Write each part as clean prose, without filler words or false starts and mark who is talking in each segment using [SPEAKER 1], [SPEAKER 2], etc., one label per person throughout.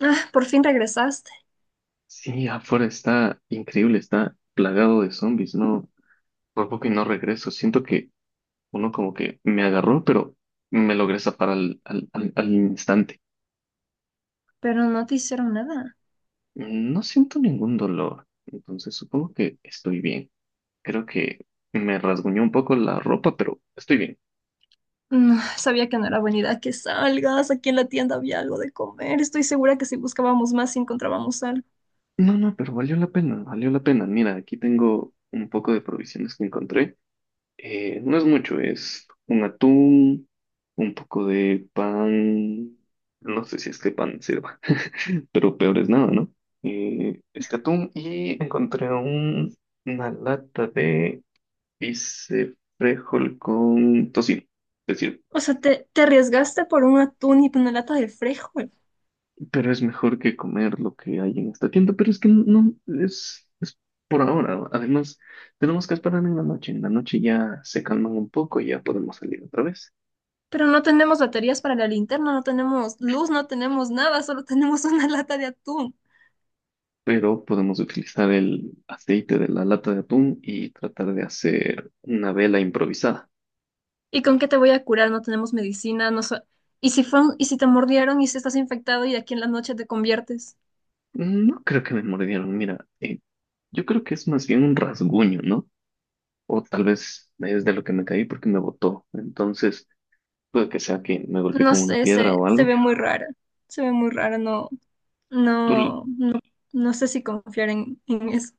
[SPEAKER 1] Ah, por fin regresaste,
[SPEAKER 2] Sí, afuera está increíble, está plagado de zombies, no, por poco y no regreso. Siento que uno como que me agarró, pero me logré zafar al instante.
[SPEAKER 1] pero no te hicieron nada.
[SPEAKER 2] No siento ningún dolor, entonces supongo que estoy bien. Creo que me rasguñó un poco la ropa, pero estoy bien.
[SPEAKER 1] No, sabía que no era buena idea que salgas. Aquí en la tienda había algo de comer. Estoy segura que si buscábamos más, sí encontrábamos algo.
[SPEAKER 2] No, no, pero valió la pena, valió la pena. Mira, aquí tengo un poco de provisiones que encontré. No es mucho, es un atún, un poco de pan, no sé si este pan sirva, pero peor es nada, ¿no? Este atún y una lata de bice frijol con tocino, es decir,
[SPEAKER 1] O sea, te arriesgaste por un atún y una lata de frijol.
[SPEAKER 2] pero es mejor que comer lo que hay en esta tienda, pero es por ahora, ¿no? Además tenemos que esperar en la noche ya se calman un poco y ya podemos salir otra vez.
[SPEAKER 1] Pero no tenemos baterías para la linterna, no tenemos luz, no tenemos nada, solo tenemos una lata de atún.
[SPEAKER 2] Pero podemos utilizar el aceite de la lata de atún y tratar de hacer una vela improvisada.
[SPEAKER 1] ¿Y con qué te voy a curar? No tenemos medicina, ¿Y si fue y si te mordieron y si estás infectado y de aquí en la noche te conviertes?
[SPEAKER 2] No creo que me mordieron, mira, yo creo que es más bien un rasguño, ¿no? O tal vez es de lo que me caí porque me botó. Entonces, puede que sea que me golpeé
[SPEAKER 1] No
[SPEAKER 2] con una
[SPEAKER 1] sé,
[SPEAKER 2] piedra o
[SPEAKER 1] se
[SPEAKER 2] algo.
[SPEAKER 1] ve muy rara. Se ve muy rara, no.
[SPEAKER 2] ¿Tú,
[SPEAKER 1] No, no sé si confiar en eso.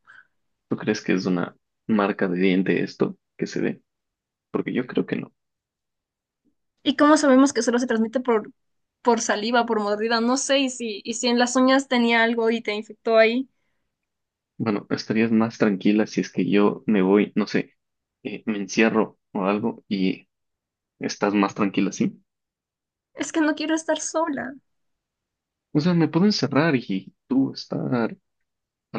[SPEAKER 2] ¿Tú crees que es una marca de diente esto que se ve? Porque yo creo que no.
[SPEAKER 1] ¿Y cómo sabemos que solo se transmite por saliva, por mordida? No sé, y si en las uñas tenía algo y te infectó ahí.
[SPEAKER 2] Bueno, estarías más tranquila si es que yo me voy, no sé, me encierro o algo y estás más tranquila, ¿sí?
[SPEAKER 1] Es que no quiero estar sola.
[SPEAKER 2] O sea, me puedo encerrar y tú estar al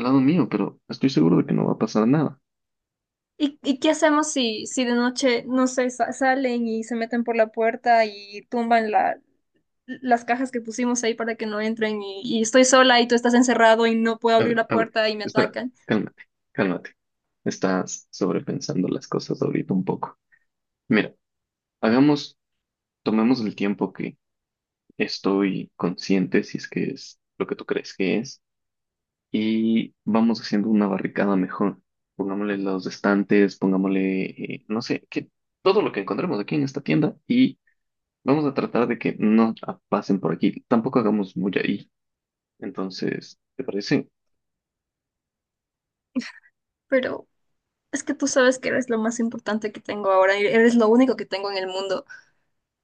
[SPEAKER 2] lado mío, pero estoy seguro de que no va a pasar nada.
[SPEAKER 1] Y qué hacemos si de noche, no sé, salen y se meten por la puerta y tumban las cajas que pusimos ahí para que no entren y estoy sola y tú estás encerrado y no puedo abrir la
[SPEAKER 2] A ver,
[SPEAKER 1] puerta y me
[SPEAKER 2] espera,
[SPEAKER 1] atacan?
[SPEAKER 2] cálmate, cálmate. Estás sobrepensando las cosas ahorita un poco. Mira, hagamos, tomemos el tiempo que estoy consciente, si es que es lo que tú crees que es, y vamos haciendo una barricada mejor. Pongámosle los estantes, pongámosle, no sé, que todo lo que encontremos aquí en esta tienda y vamos a tratar de que no pasen por aquí. Tampoco hagamos mucha Y Entonces, ¿te parece?
[SPEAKER 1] Pero es que tú sabes que eres lo más importante que tengo ahora, eres lo único que tengo en el mundo.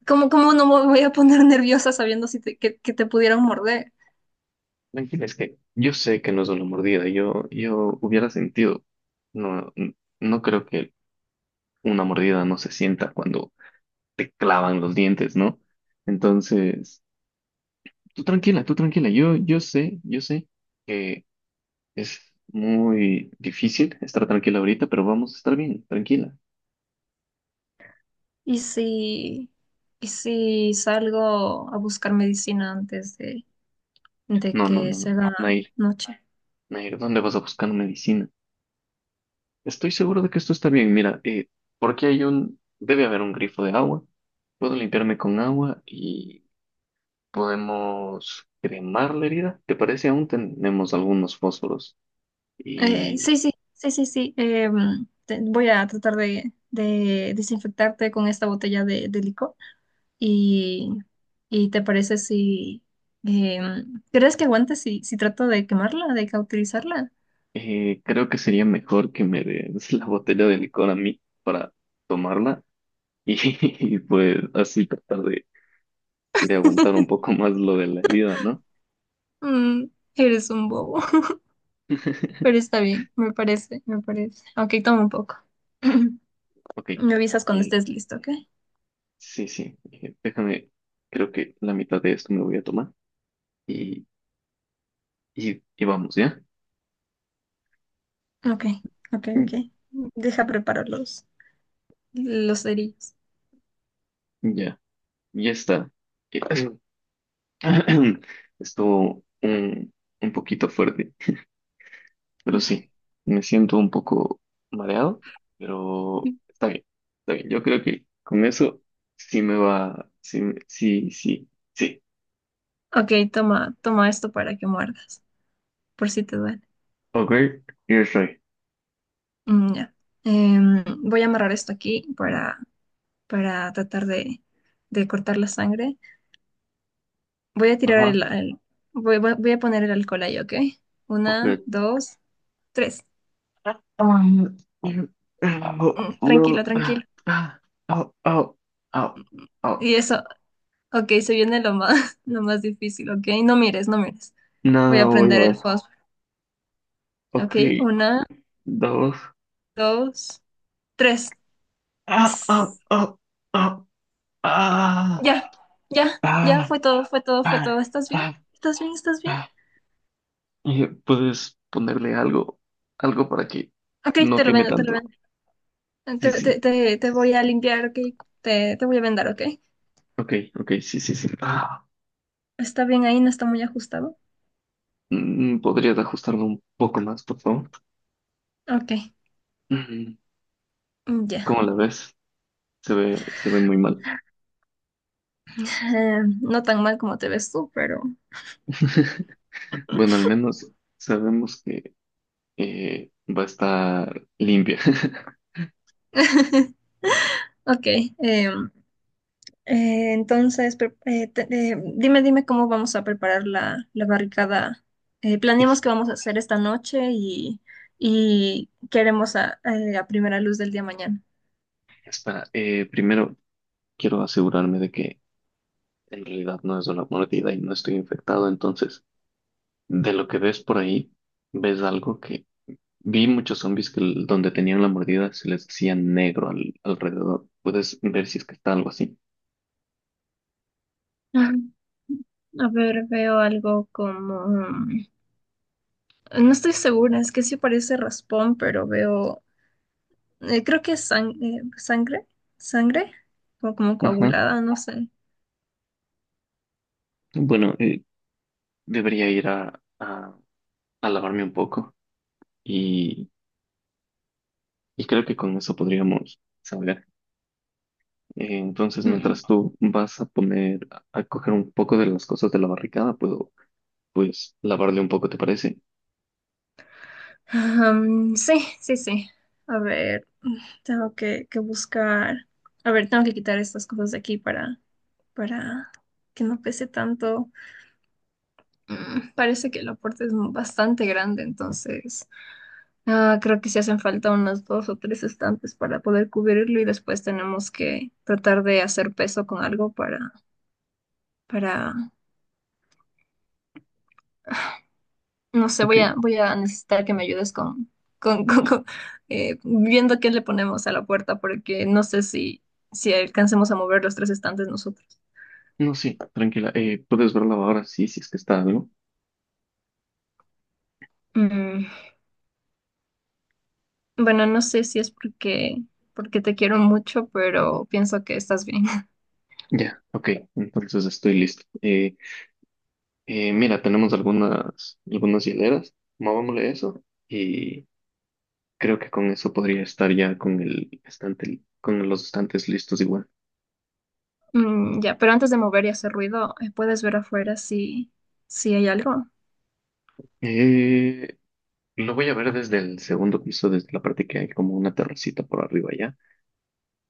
[SPEAKER 1] Cómo no me voy a poner nerviosa sabiendo si te- que te pudieran morder?
[SPEAKER 2] Tranquila, es que yo sé que no es una mordida, yo hubiera sentido. No creo que una mordida no se sienta cuando te clavan los dientes, ¿no? Entonces, tú tranquila, yo sé que es muy difícil estar tranquila ahorita, pero vamos a estar bien, tranquila.
[SPEAKER 1] ¿Y si, y si salgo a buscar medicina antes de
[SPEAKER 2] No, no,
[SPEAKER 1] que
[SPEAKER 2] no, no,
[SPEAKER 1] se haga
[SPEAKER 2] Nair,
[SPEAKER 1] noche?
[SPEAKER 2] Nair, ¿dónde vas a buscar medicina? Estoy seguro de que esto está bien. Mira, porque debe haber un grifo de agua. Puedo limpiarme con agua y podemos cremar la herida. ¿Te parece? Aún tenemos algunos fósforos y
[SPEAKER 1] Sí, sí, sí, sí, sí. Voy a tratar de desinfectarte con esta botella de licor. Y, y te parece si... ¿crees que aguantes si, si trato de quemarla, de cauterizarla?
[SPEAKER 2] creo que sería mejor que me des la botella de licor a mí para tomarla y, pues así tratar de aguantar un poco más lo de la herida, ¿no?
[SPEAKER 1] Mm, eres un bobo. Pero está bien, me parece, me parece. Ok, toma un poco.
[SPEAKER 2] Ok.
[SPEAKER 1] Me avisas cuando
[SPEAKER 2] eh,
[SPEAKER 1] estés listo, ¿ok?
[SPEAKER 2] sí, sí. Déjame, creo que la mitad de esto me voy a tomar. Y Y, y vamos, ¿ya?
[SPEAKER 1] Ok, ok,
[SPEAKER 2] Mm,
[SPEAKER 1] ok. Deja preparar los cerillos.
[SPEAKER 2] ya, ya está. Eh, Estuvo un poquito fuerte, pero sí, me siento un poco mareado, pero está bien, está bien. Yo creo que con eso sí me va, sí, sí, sí.
[SPEAKER 1] Ok, toma, toma esto para que muerdas, por si te duele.
[SPEAKER 2] Ok, yo estoy.
[SPEAKER 1] Mm, ya. Em, voy a amarrar esto aquí para tratar de cortar la sangre. Voy a tirar
[SPEAKER 2] Ajá,
[SPEAKER 1] voy a poner el alcohol ahí, ¿ok?
[SPEAKER 2] ok.
[SPEAKER 1] Una, dos, tres.
[SPEAKER 2] Ah, no,
[SPEAKER 1] Mm, tranquilo,
[SPEAKER 2] no, ah,
[SPEAKER 1] tranquilo.
[SPEAKER 2] ah, au, au, au, au.
[SPEAKER 1] Y eso, ok, se viene lo más, lo más difícil, ok. No mires, no mires.
[SPEAKER 2] No,
[SPEAKER 1] Voy a
[SPEAKER 2] no voy
[SPEAKER 1] prender
[SPEAKER 2] a
[SPEAKER 1] el
[SPEAKER 2] ver.
[SPEAKER 1] fósforo. Ok,
[SPEAKER 2] Ok,
[SPEAKER 1] una,
[SPEAKER 2] dos.
[SPEAKER 1] dos, tres.
[SPEAKER 2] Ah, ah,
[SPEAKER 1] Tss,
[SPEAKER 2] ah, ah, ah,
[SPEAKER 1] ya, ya, ya,
[SPEAKER 2] ah,
[SPEAKER 1] fue todo, fue todo, fue
[SPEAKER 2] ah,
[SPEAKER 1] todo. ¿Estás bien?
[SPEAKER 2] ah,
[SPEAKER 1] ¿Estás bien? ¿Estás bien?
[SPEAKER 2] ah. ¿Puedes ponerle algo, algo para que
[SPEAKER 1] Ok,
[SPEAKER 2] no
[SPEAKER 1] te lo
[SPEAKER 2] queme
[SPEAKER 1] vendo, te lo
[SPEAKER 2] tanto?
[SPEAKER 1] vendo.
[SPEAKER 2] Sí,
[SPEAKER 1] Te, te,
[SPEAKER 2] sí.
[SPEAKER 1] te, te voy a limpiar, ok. Te voy a vendar, ok.
[SPEAKER 2] Ok, ok, sí, sí, sí. Ah,
[SPEAKER 1] ¿Está bien ahí? ¿No está muy ajustado?
[SPEAKER 2] mm, ¿podrías ajustarlo un poco más, por favor?
[SPEAKER 1] Ok,
[SPEAKER 2] Mm,
[SPEAKER 1] ya.
[SPEAKER 2] ¿cómo la ves? Se ve muy mal.
[SPEAKER 1] No tan mal como te ves tú, pero...
[SPEAKER 2] Bueno, al menos sabemos que va a estar limpia.
[SPEAKER 1] Ok, em, entonces, dime, dime cómo vamos a preparar la barricada. Planeamos
[SPEAKER 2] Es-
[SPEAKER 1] qué vamos a hacer esta noche y queremos a primera luz del día mañana.
[SPEAKER 2] Espera, primero quiero asegurarme de que en realidad no es una mordida y no estoy infectado, entonces de lo que ves por ahí, ves algo que vi muchos zombies que donde tenían la mordida se les hacía negro alrededor. Puedes ver si es que está algo así.
[SPEAKER 1] Ah, a ver, veo algo como... mm, no estoy segura, es que sí parece raspón, pero veo... creo que es sangre, sangre, o como
[SPEAKER 2] Ajá.
[SPEAKER 1] coagulada, no sé.
[SPEAKER 2] Bueno, debería ir a lavarme un poco y, y creo que con eso podríamos saber. Entonces, mientras tú vas a poner, a coger un poco de las cosas de la barricada, puedo pues lavarle un poco, ¿te parece?
[SPEAKER 1] Am, sí, sí, sí. A ver, tengo que buscar. A ver, tengo que quitar estas cosas de aquí para que no pese tanto. Mm, parece que el aporte es bastante grande, entonces ah, creo que sí hacen falta unos dos o tres estantes para poder cubrirlo y después tenemos que tratar de hacer peso con algo para no sé,
[SPEAKER 2] Ok.
[SPEAKER 1] voy a, voy a necesitar que me ayudes con, con, viendo qué le ponemos a la puerta, porque no sé si, si alcancemos a mover los tres estantes nosotros.
[SPEAKER 2] No, sí, tranquila. Puedes verla ahora, sí, si es que está, ¿no?
[SPEAKER 1] Mm, bueno, no sé si es porque, porque te quiero mucho, pero pienso que estás bien.
[SPEAKER 2] Ya, ok. Entonces estoy listo. Mira, tenemos algunas, algunas hileras. Movámosle eso y creo que con eso podría estar ya con el estante, con los estantes listos igual.
[SPEAKER 1] Mm, ya, pero antes de mover y hacer ruido, ¿puedes ver afuera si, si hay algo?
[SPEAKER 2] Eh, lo voy a ver desde el segundo piso, desde la parte que hay como una terracita por arriba ya.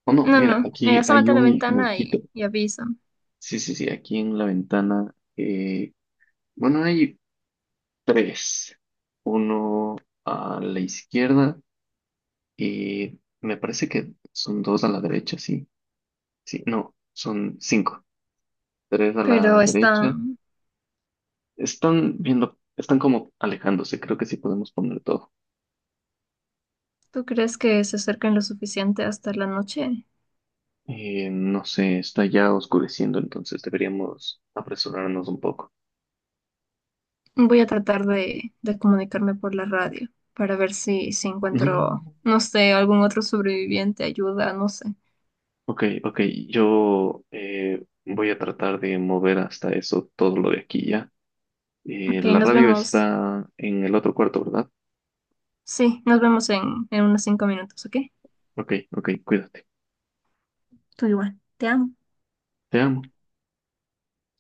[SPEAKER 2] O no,
[SPEAKER 1] No,
[SPEAKER 2] mira,
[SPEAKER 1] no,
[SPEAKER 2] aquí
[SPEAKER 1] asómate
[SPEAKER 2] hay
[SPEAKER 1] a la
[SPEAKER 2] un
[SPEAKER 1] ventana
[SPEAKER 2] huequito.
[SPEAKER 1] y avisa.
[SPEAKER 2] Sí, sí, sí, aquí en la ventana. Bueno, hay tres. Uno a la izquierda y me parece que son dos a la derecha, sí. Sí, no, son cinco. Tres a la
[SPEAKER 1] Pero
[SPEAKER 2] derecha.
[SPEAKER 1] están,
[SPEAKER 2] Están viendo, están como alejándose, creo que sí podemos poner todo.
[SPEAKER 1] ¿tú crees que se acerquen lo suficiente hasta la noche?
[SPEAKER 2] No sé, está ya oscureciendo, entonces deberíamos apresurarnos un poco.
[SPEAKER 1] Voy a tratar de comunicarme por la radio para ver si, si
[SPEAKER 2] No, no, no,
[SPEAKER 1] encuentro,
[SPEAKER 2] no.
[SPEAKER 1] no sé, algún otro sobreviviente, ayuda, no sé.
[SPEAKER 2] Ok, ok, yo voy a tratar de mover hasta eso todo lo de aquí ya.
[SPEAKER 1] Ok,
[SPEAKER 2] La
[SPEAKER 1] nos
[SPEAKER 2] radio
[SPEAKER 1] vemos.
[SPEAKER 2] está en el otro cuarto, ¿verdad?
[SPEAKER 1] Sí, nos vemos en unos 5 minutos, ¿ok?
[SPEAKER 2] Ok, ok, cuídate.
[SPEAKER 1] Tú igual, te amo.
[SPEAKER 2] Te amo.